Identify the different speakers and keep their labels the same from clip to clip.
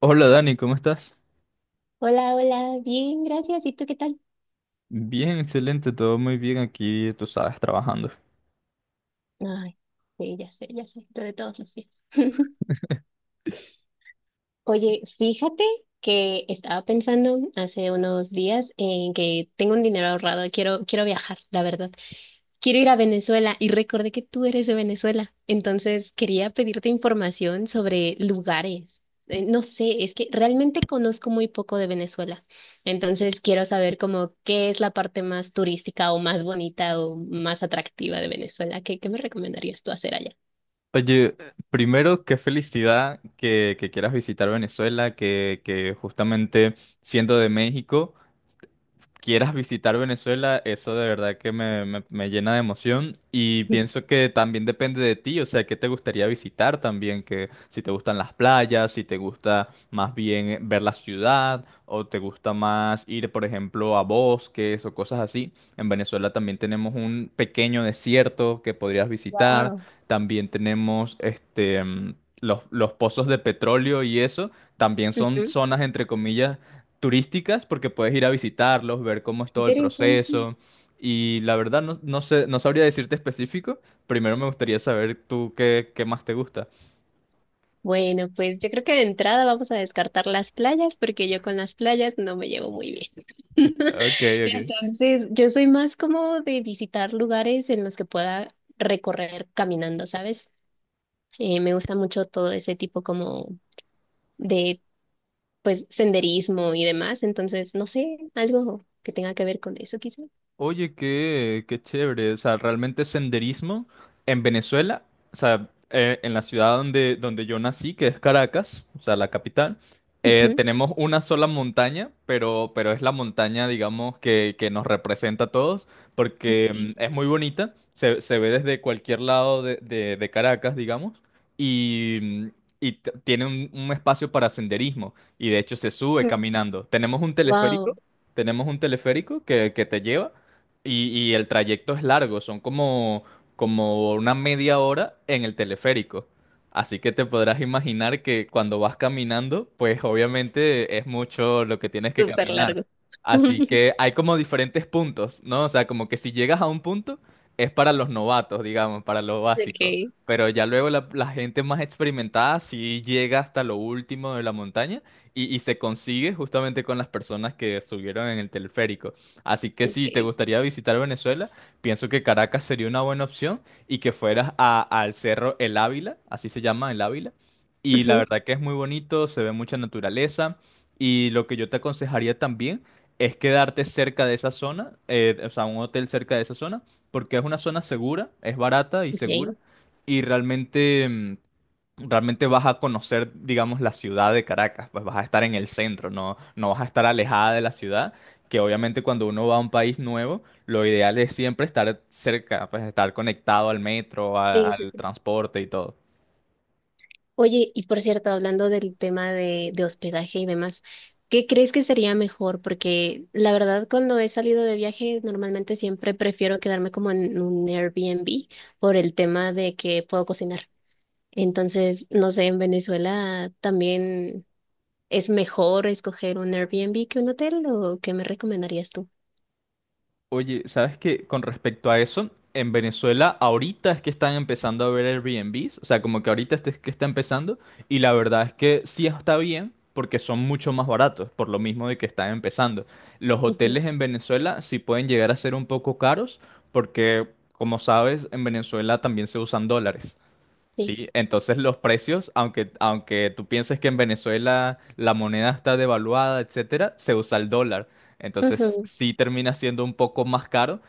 Speaker 1: Hola Dani, ¿cómo estás?
Speaker 2: Hola, hola, bien, gracias. ¿Y tú qué tal?
Speaker 1: Bien, excelente, todo muy bien aquí, tú sabes, trabajando.
Speaker 2: Ay, sí, ya sé, tú de todos los días. Oye, fíjate que estaba pensando hace unos días en que tengo un dinero ahorrado, quiero viajar, la verdad. Quiero ir a Venezuela y recordé que tú eres de Venezuela, entonces quería pedirte información sobre lugares. No sé, es que realmente conozco muy poco de Venezuela, entonces quiero saber como qué es la parte más turística o más bonita o más atractiva de Venezuela. ¿Qué me recomendarías tú hacer allá?
Speaker 1: Oye, primero, qué felicidad que quieras visitar Venezuela, que justamente siendo de México quieras visitar Venezuela. Eso de verdad que me llena de emoción y pienso que también depende de ti, o sea, qué te gustaría visitar también, que si te gustan las playas, si te gusta más bien ver la ciudad, o te gusta más ir, por ejemplo, a bosques o cosas así. En Venezuela también tenemos un pequeño desierto que podrías visitar,
Speaker 2: Wow,
Speaker 1: también tenemos los pozos de petróleo, y eso también son zonas, entre comillas, turísticas, porque puedes ir a visitarlos, ver cómo es todo el
Speaker 2: interesante.
Speaker 1: proceso. Y la verdad no, no sé, no sabría decirte específico. Primero me gustaría saber tú qué más te gusta.
Speaker 2: Bueno, pues yo creo que de entrada vamos a descartar las playas porque yo con las playas no me llevo muy bien.
Speaker 1: Ok, ok.
Speaker 2: Entonces, yo soy más como de visitar lugares en los que pueda recorrer caminando, ¿sabes? Me gusta mucho todo ese tipo como de, pues, senderismo y demás. Entonces, no sé, algo que tenga que ver con eso, quizás.
Speaker 1: Oye, qué chévere. O sea, realmente senderismo en Venezuela, o sea, en la ciudad donde yo nací, que es Caracas, o sea, la capital,
Speaker 2: Ujú.
Speaker 1: tenemos una sola montaña, pero es la montaña, digamos, que nos representa a todos, porque es muy bonita, se ve desde cualquier lado de, de Caracas, digamos, y, mm, y tiene un espacio para senderismo, y de hecho se sube caminando. Tenemos un teleférico.
Speaker 2: Wow,
Speaker 1: Tenemos un teleférico que te lleva, y el trayecto es largo, como una media hora en el teleférico. Así que te podrás imaginar que cuando vas caminando, pues obviamente es mucho lo que tienes que
Speaker 2: súper
Speaker 1: caminar.
Speaker 2: largo.
Speaker 1: Así que hay como diferentes puntos, ¿no? O sea, como que si llegas a un punto, es para los novatos, digamos, para lo básico.
Speaker 2: Okay,
Speaker 1: Pero ya luego la gente más experimentada sí llega hasta lo último de la montaña, y se consigue justamente con las personas que subieron en el teleférico. Así que si te
Speaker 2: okay.
Speaker 1: gustaría visitar Venezuela, pienso que Caracas sería una buena opción, y que fueras al Cerro El Ávila, así se llama El Ávila. Y la
Speaker 2: Ujú,
Speaker 1: verdad que es muy bonito, se ve mucha naturaleza. Y lo que yo te aconsejaría también es quedarte cerca de esa zona, o sea, un hotel cerca de esa zona, porque es una zona segura, es barata y
Speaker 2: ok.
Speaker 1: segura.
Speaker 2: Sí,
Speaker 1: Y realmente vas a conocer, digamos, la ciudad de Caracas, pues vas a estar en el centro, no, no vas a estar alejada de la ciudad, que obviamente cuando uno va a un país nuevo, lo ideal es siempre estar cerca, pues estar conectado al metro,
Speaker 2: sí, sí.
Speaker 1: al transporte y todo.
Speaker 2: Oye, y por cierto, hablando del tema de hospedaje y demás, ¿qué crees que sería mejor? Porque la verdad, cuando he salido de viaje, normalmente siempre prefiero quedarme como en un Airbnb por el tema de que puedo cocinar. Entonces, no sé, en Venezuela también es mejor escoger un Airbnb que un hotel, ¿o qué me recomendarías tú?
Speaker 1: Oye, ¿sabes qué? Con respecto a eso, en Venezuela ahorita es que están empezando a ver Airbnbs, o sea, como que ahorita este es que está empezando, y la verdad es que sí está bien, porque son mucho más baratos, por lo mismo de que están empezando. Los
Speaker 2: Ujú.
Speaker 1: hoteles en Venezuela sí pueden llegar a ser un poco caros porque, como sabes, en Venezuela también se usan dólares.
Speaker 2: Sí.
Speaker 1: Sí, entonces los precios, aunque tú pienses que en Venezuela la moneda está devaluada, etcétera, se usa el dólar. Entonces
Speaker 2: Ujú,
Speaker 1: sí termina siendo un poco más caro,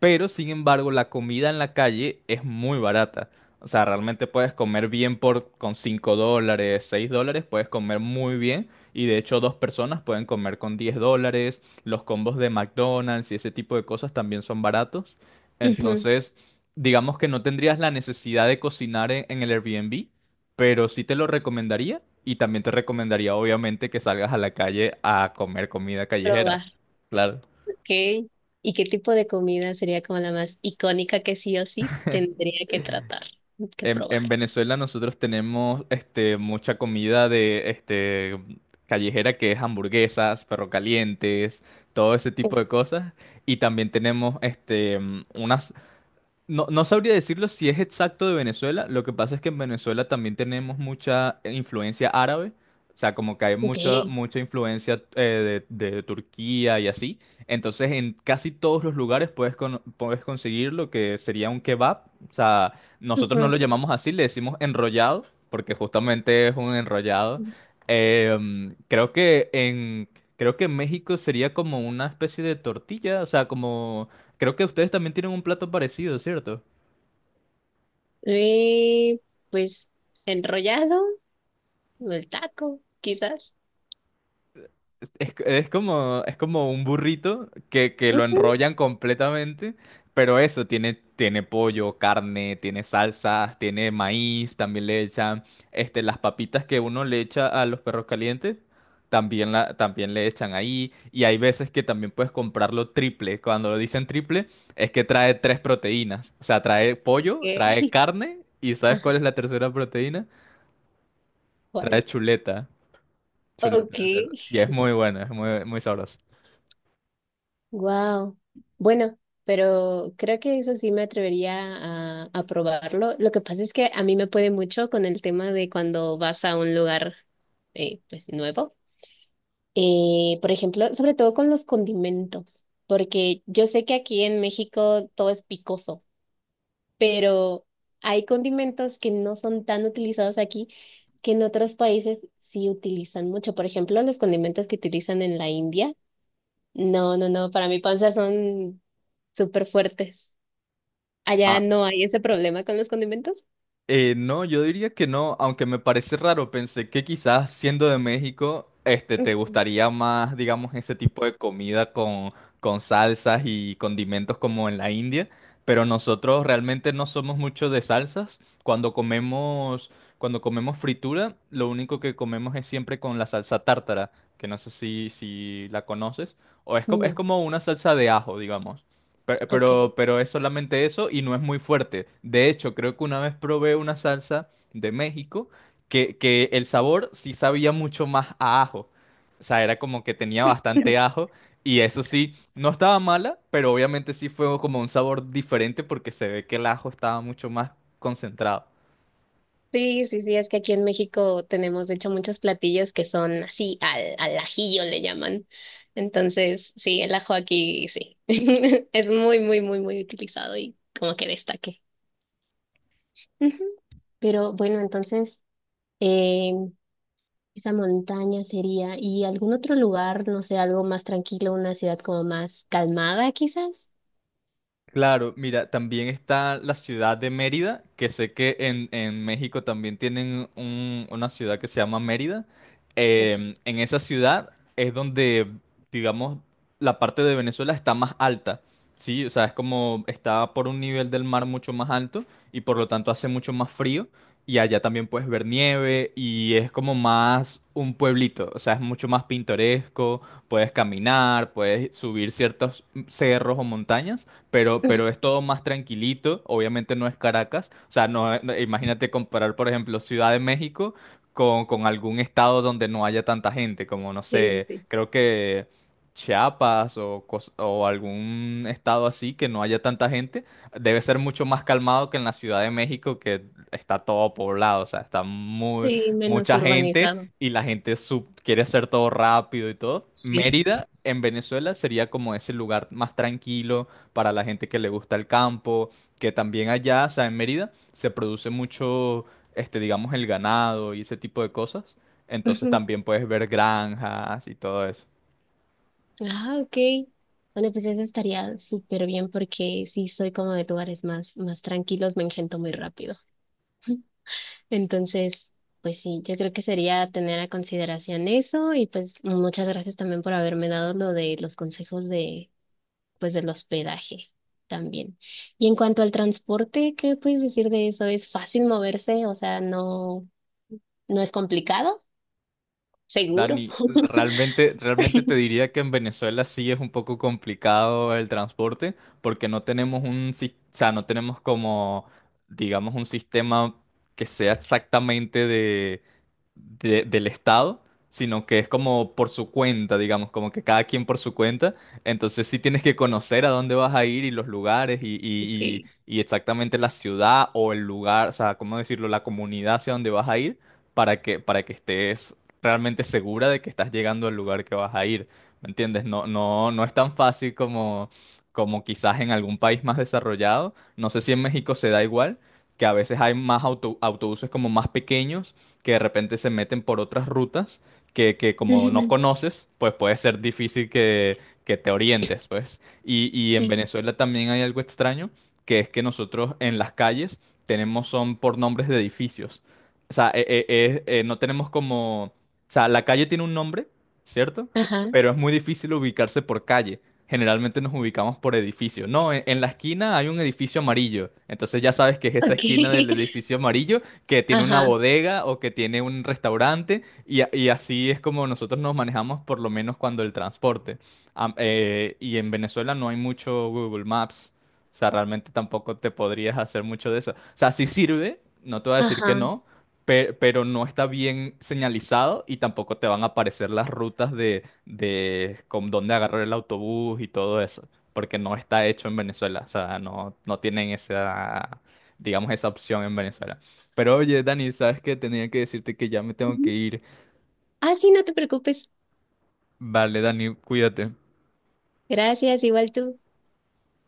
Speaker 1: pero sin embargo la comida en la calle es muy barata. O sea, realmente puedes comer bien por con $5, $6, puedes comer muy bien. Y de hecho dos personas pueden comer con $10. Los combos de McDonald's y ese tipo de cosas también son baratos.
Speaker 2: ujú.
Speaker 1: Entonces digamos que no tendrías la necesidad de cocinar en el Airbnb, pero sí te lo recomendaría, y también te recomendaría obviamente que salgas a la calle a comer comida callejera.
Speaker 2: Probar.
Speaker 1: Claro.
Speaker 2: Ok. ¿Y qué tipo de comida sería como la más icónica que sí o sí tendría que tratar, que
Speaker 1: En
Speaker 2: probar?
Speaker 1: Venezuela nosotros tenemos este, mucha comida de este, callejera, que es hamburguesas, perro calientes, todo ese tipo de cosas. Y también tenemos este, una... no, no sabría decirlo si es exacto de Venezuela. Lo que pasa es que en Venezuela también tenemos mucha influencia árabe. O sea, como que hay
Speaker 2: Ok.
Speaker 1: mucha, mucha influencia de Turquía y así. Entonces, en casi todos los lugares puedes, puedes conseguir lo que sería un kebab. O sea, nosotros no
Speaker 2: Ujú.
Speaker 1: lo llamamos así, le decimos enrollado, porque justamente es un enrollado. Creo que creo que en México sería como una especie de tortilla. O sea, como... Creo que ustedes también tienen un plato parecido, ¿cierto?
Speaker 2: Eh, pues enrollado, o el taco, quizás.
Speaker 1: Es como un burrito que lo
Speaker 2: Ujú.
Speaker 1: enrollan completamente, pero eso, tiene, tiene pollo, carne, tiene salsas, tiene maíz, también le echan este, las papitas que uno le echa a los perros calientes, también, la, también le echan ahí, y hay veces que también puedes comprarlo triple. Cuando lo dicen triple, es que trae tres proteínas, o sea, trae pollo,
Speaker 2: Eh,
Speaker 1: trae carne, y ¿sabes cuál
Speaker 2: Ajá,
Speaker 1: es la tercera proteína? Trae
Speaker 2: ¿cuál?
Speaker 1: chuleta. Chuleta
Speaker 2: Ok,
Speaker 1: de cerdo. Y es muy buena, es muy, muy sabrosa.
Speaker 2: wow. Bueno, pero creo que eso sí me atrevería a probarlo. Lo que pasa es que a mí me puede mucho con el tema de cuando vas a un lugar pues, nuevo. Por ejemplo, sobre todo con los condimentos, porque yo sé que aquí en México todo es picoso, pero hay condimentos que no son tan utilizados aquí que en otros países sí utilizan mucho. Por ejemplo, los condimentos que utilizan en la India, no, no, no, para mi panza son súper fuertes. Allá
Speaker 1: Ah,
Speaker 2: no hay ese problema con los condimentos.
Speaker 1: No, yo diría que no, aunque me parece raro, pensé que quizás siendo de México, este, te
Speaker 2: Ujú.
Speaker 1: gustaría más, digamos, ese tipo de comida con salsas y condimentos como en la India, pero nosotros realmente no somos mucho de salsas. Cuando comemos fritura, lo único que comemos es siempre con la salsa tártara, que no sé si la conoces, es
Speaker 2: No,
Speaker 1: como una salsa de ajo, digamos.
Speaker 2: ok.
Speaker 1: Pero es solamente eso y no es muy fuerte. De hecho, creo que una vez probé una salsa de México que el sabor sí sabía mucho más a ajo. O sea, era como que tenía bastante ajo, y eso sí, no estaba mala, pero obviamente sí fue como un sabor diferente porque se ve que el ajo estaba mucho más concentrado.
Speaker 2: Sí, sí, sí, es que aquí en México tenemos de hecho muchos platillos que son así, al, al ajillo le llaman. Entonces, sí, el ajo aquí sí. Es muy, muy, muy, muy utilizado y como que destaque. Ujú. Pero bueno, entonces, eh, esa montaña sería, ¿y algún otro lugar, no sé, algo más tranquilo, una ciudad como más calmada quizás?
Speaker 1: Claro, mira, también está la ciudad de Mérida, que sé que en México también tienen una ciudad que se llama Mérida. En esa ciudad es donde, digamos, la parte de Venezuela está más alta, ¿sí? O sea, es como está por un nivel del mar mucho más alto, y por lo tanto hace mucho más frío. Y allá también puedes ver nieve, y es como más un pueblito, o sea, es mucho más pintoresco, puedes caminar, puedes subir ciertos cerros o montañas, pero es todo más tranquilito, obviamente no es Caracas, o sea, no, imagínate comparar, por ejemplo, Ciudad de México con algún estado donde no haya tanta gente, como, no
Speaker 2: Sí,
Speaker 1: sé,
Speaker 2: sí,
Speaker 1: creo que... Chiapas o, o algún estado así que no haya tanta gente, debe ser mucho más calmado que en la Ciudad de México, que está todo poblado, o sea, está muy,
Speaker 2: sí, menos
Speaker 1: mucha gente,
Speaker 2: urbanizado.
Speaker 1: y la gente quiere hacer todo rápido y todo.
Speaker 2: Sí.
Speaker 1: Mérida en Venezuela sería como ese lugar más tranquilo, para la gente que le gusta el campo, que también allá, o sea, en Mérida se produce mucho, este, digamos, el ganado y ese tipo de cosas. Entonces también puedes ver granjas y todo eso.
Speaker 2: Ah, ok. Bueno, pues eso estaría súper bien porque sí soy como de lugares más, más tranquilos, me engento muy rápido. Entonces, pues sí, yo creo que sería tener a consideración eso y pues muchas gracias también por haberme dado lo de los consejos de, pues del hospedaje también. Y en cuanto al transporte, ¿qué puedes decir de eso? ¿Es fácil moverse? O sea, no, no es complicado, seguro.
Speaker 1: Dani, realmente, realmente te diría que en Venezuela sí es un poco complicado el transporte, porque no tenemos o sea, no tenemos como, digamos, un sistema que sea exactamente de, del Estado, sino que es como por su cuenta, digamos, como que cada quien por su cuenta. Entonces sí tienes que conocer a dónde vas a ir, y los lugares, y,
Speaker 2: Sí.
Speaker 1: y, y exactamente la ciudad o el lugar, o sea, ¿cómo decirlo? La comunidad hacia dónde vas a ir, para que estés realmente segura de que estás llegando al lugar que vas a ir, ¿me entiendes? No, no, no es tan fácil como, como quizás en algún país más desarrollado. No sé si en México se da igual, que a veces hay más autobuses como más pequeños que de repente se meten por otras rutas que como no
Speaker 2: Ujú,
Speaker 1: conoces, pues puede ser difícil que te orientes, pues. Y en
Speaker 2: Sí,
Speaker 1: Venezuela también hay algo extraño, que es que nosotros en las calles tenemos son por nombres de edificios. O sea, no tenemos como... o sea, la calle tiene un nombre, ¿cierto?
Speaker 2: ajá,
Speaker 1: Pero es muy difícil ubicarse por calle. Generalmente nos ubicamos por edificio. No, en la esquina hay un edificio amarillo. Entonces ya sabes que es esa
Speaker 2: Ok.
Speaker 1: esquina del edificio amarillo que tiene una
Speaker 2: ajá,
Speaker 1: bodega o que tiene un restaurante. Y, y así es como nosotros nos manejamos, por lo menos cuando el transporte. Y en Venezuela no hay mucho Google Maps. O sea, realmente tampoco te podrías hacer mucho de eso. O sea, sí sirve, no te voy a decir que
Speaker 2: ajá.
Speaker 1: no, pero no está bien señalizado, y tampoco te van a aparecer las rutas de con dónde agarrar el autobús y todo eso, porque no está hecho en Venezuela, o sea, no, no tienen esa, digamos, esa opción en Venezuela. Pero oye, Dani, ¿sabes qué? Tenía que decirte que ya me tengo que
Speaker 2: Ujú.
Speaker 1: ir.
Speaker 2: Ah, sí, no te preocupes.
Speaker 1: Vale, Dani, cuídate.
Speaker 2: Gracias, igual tú.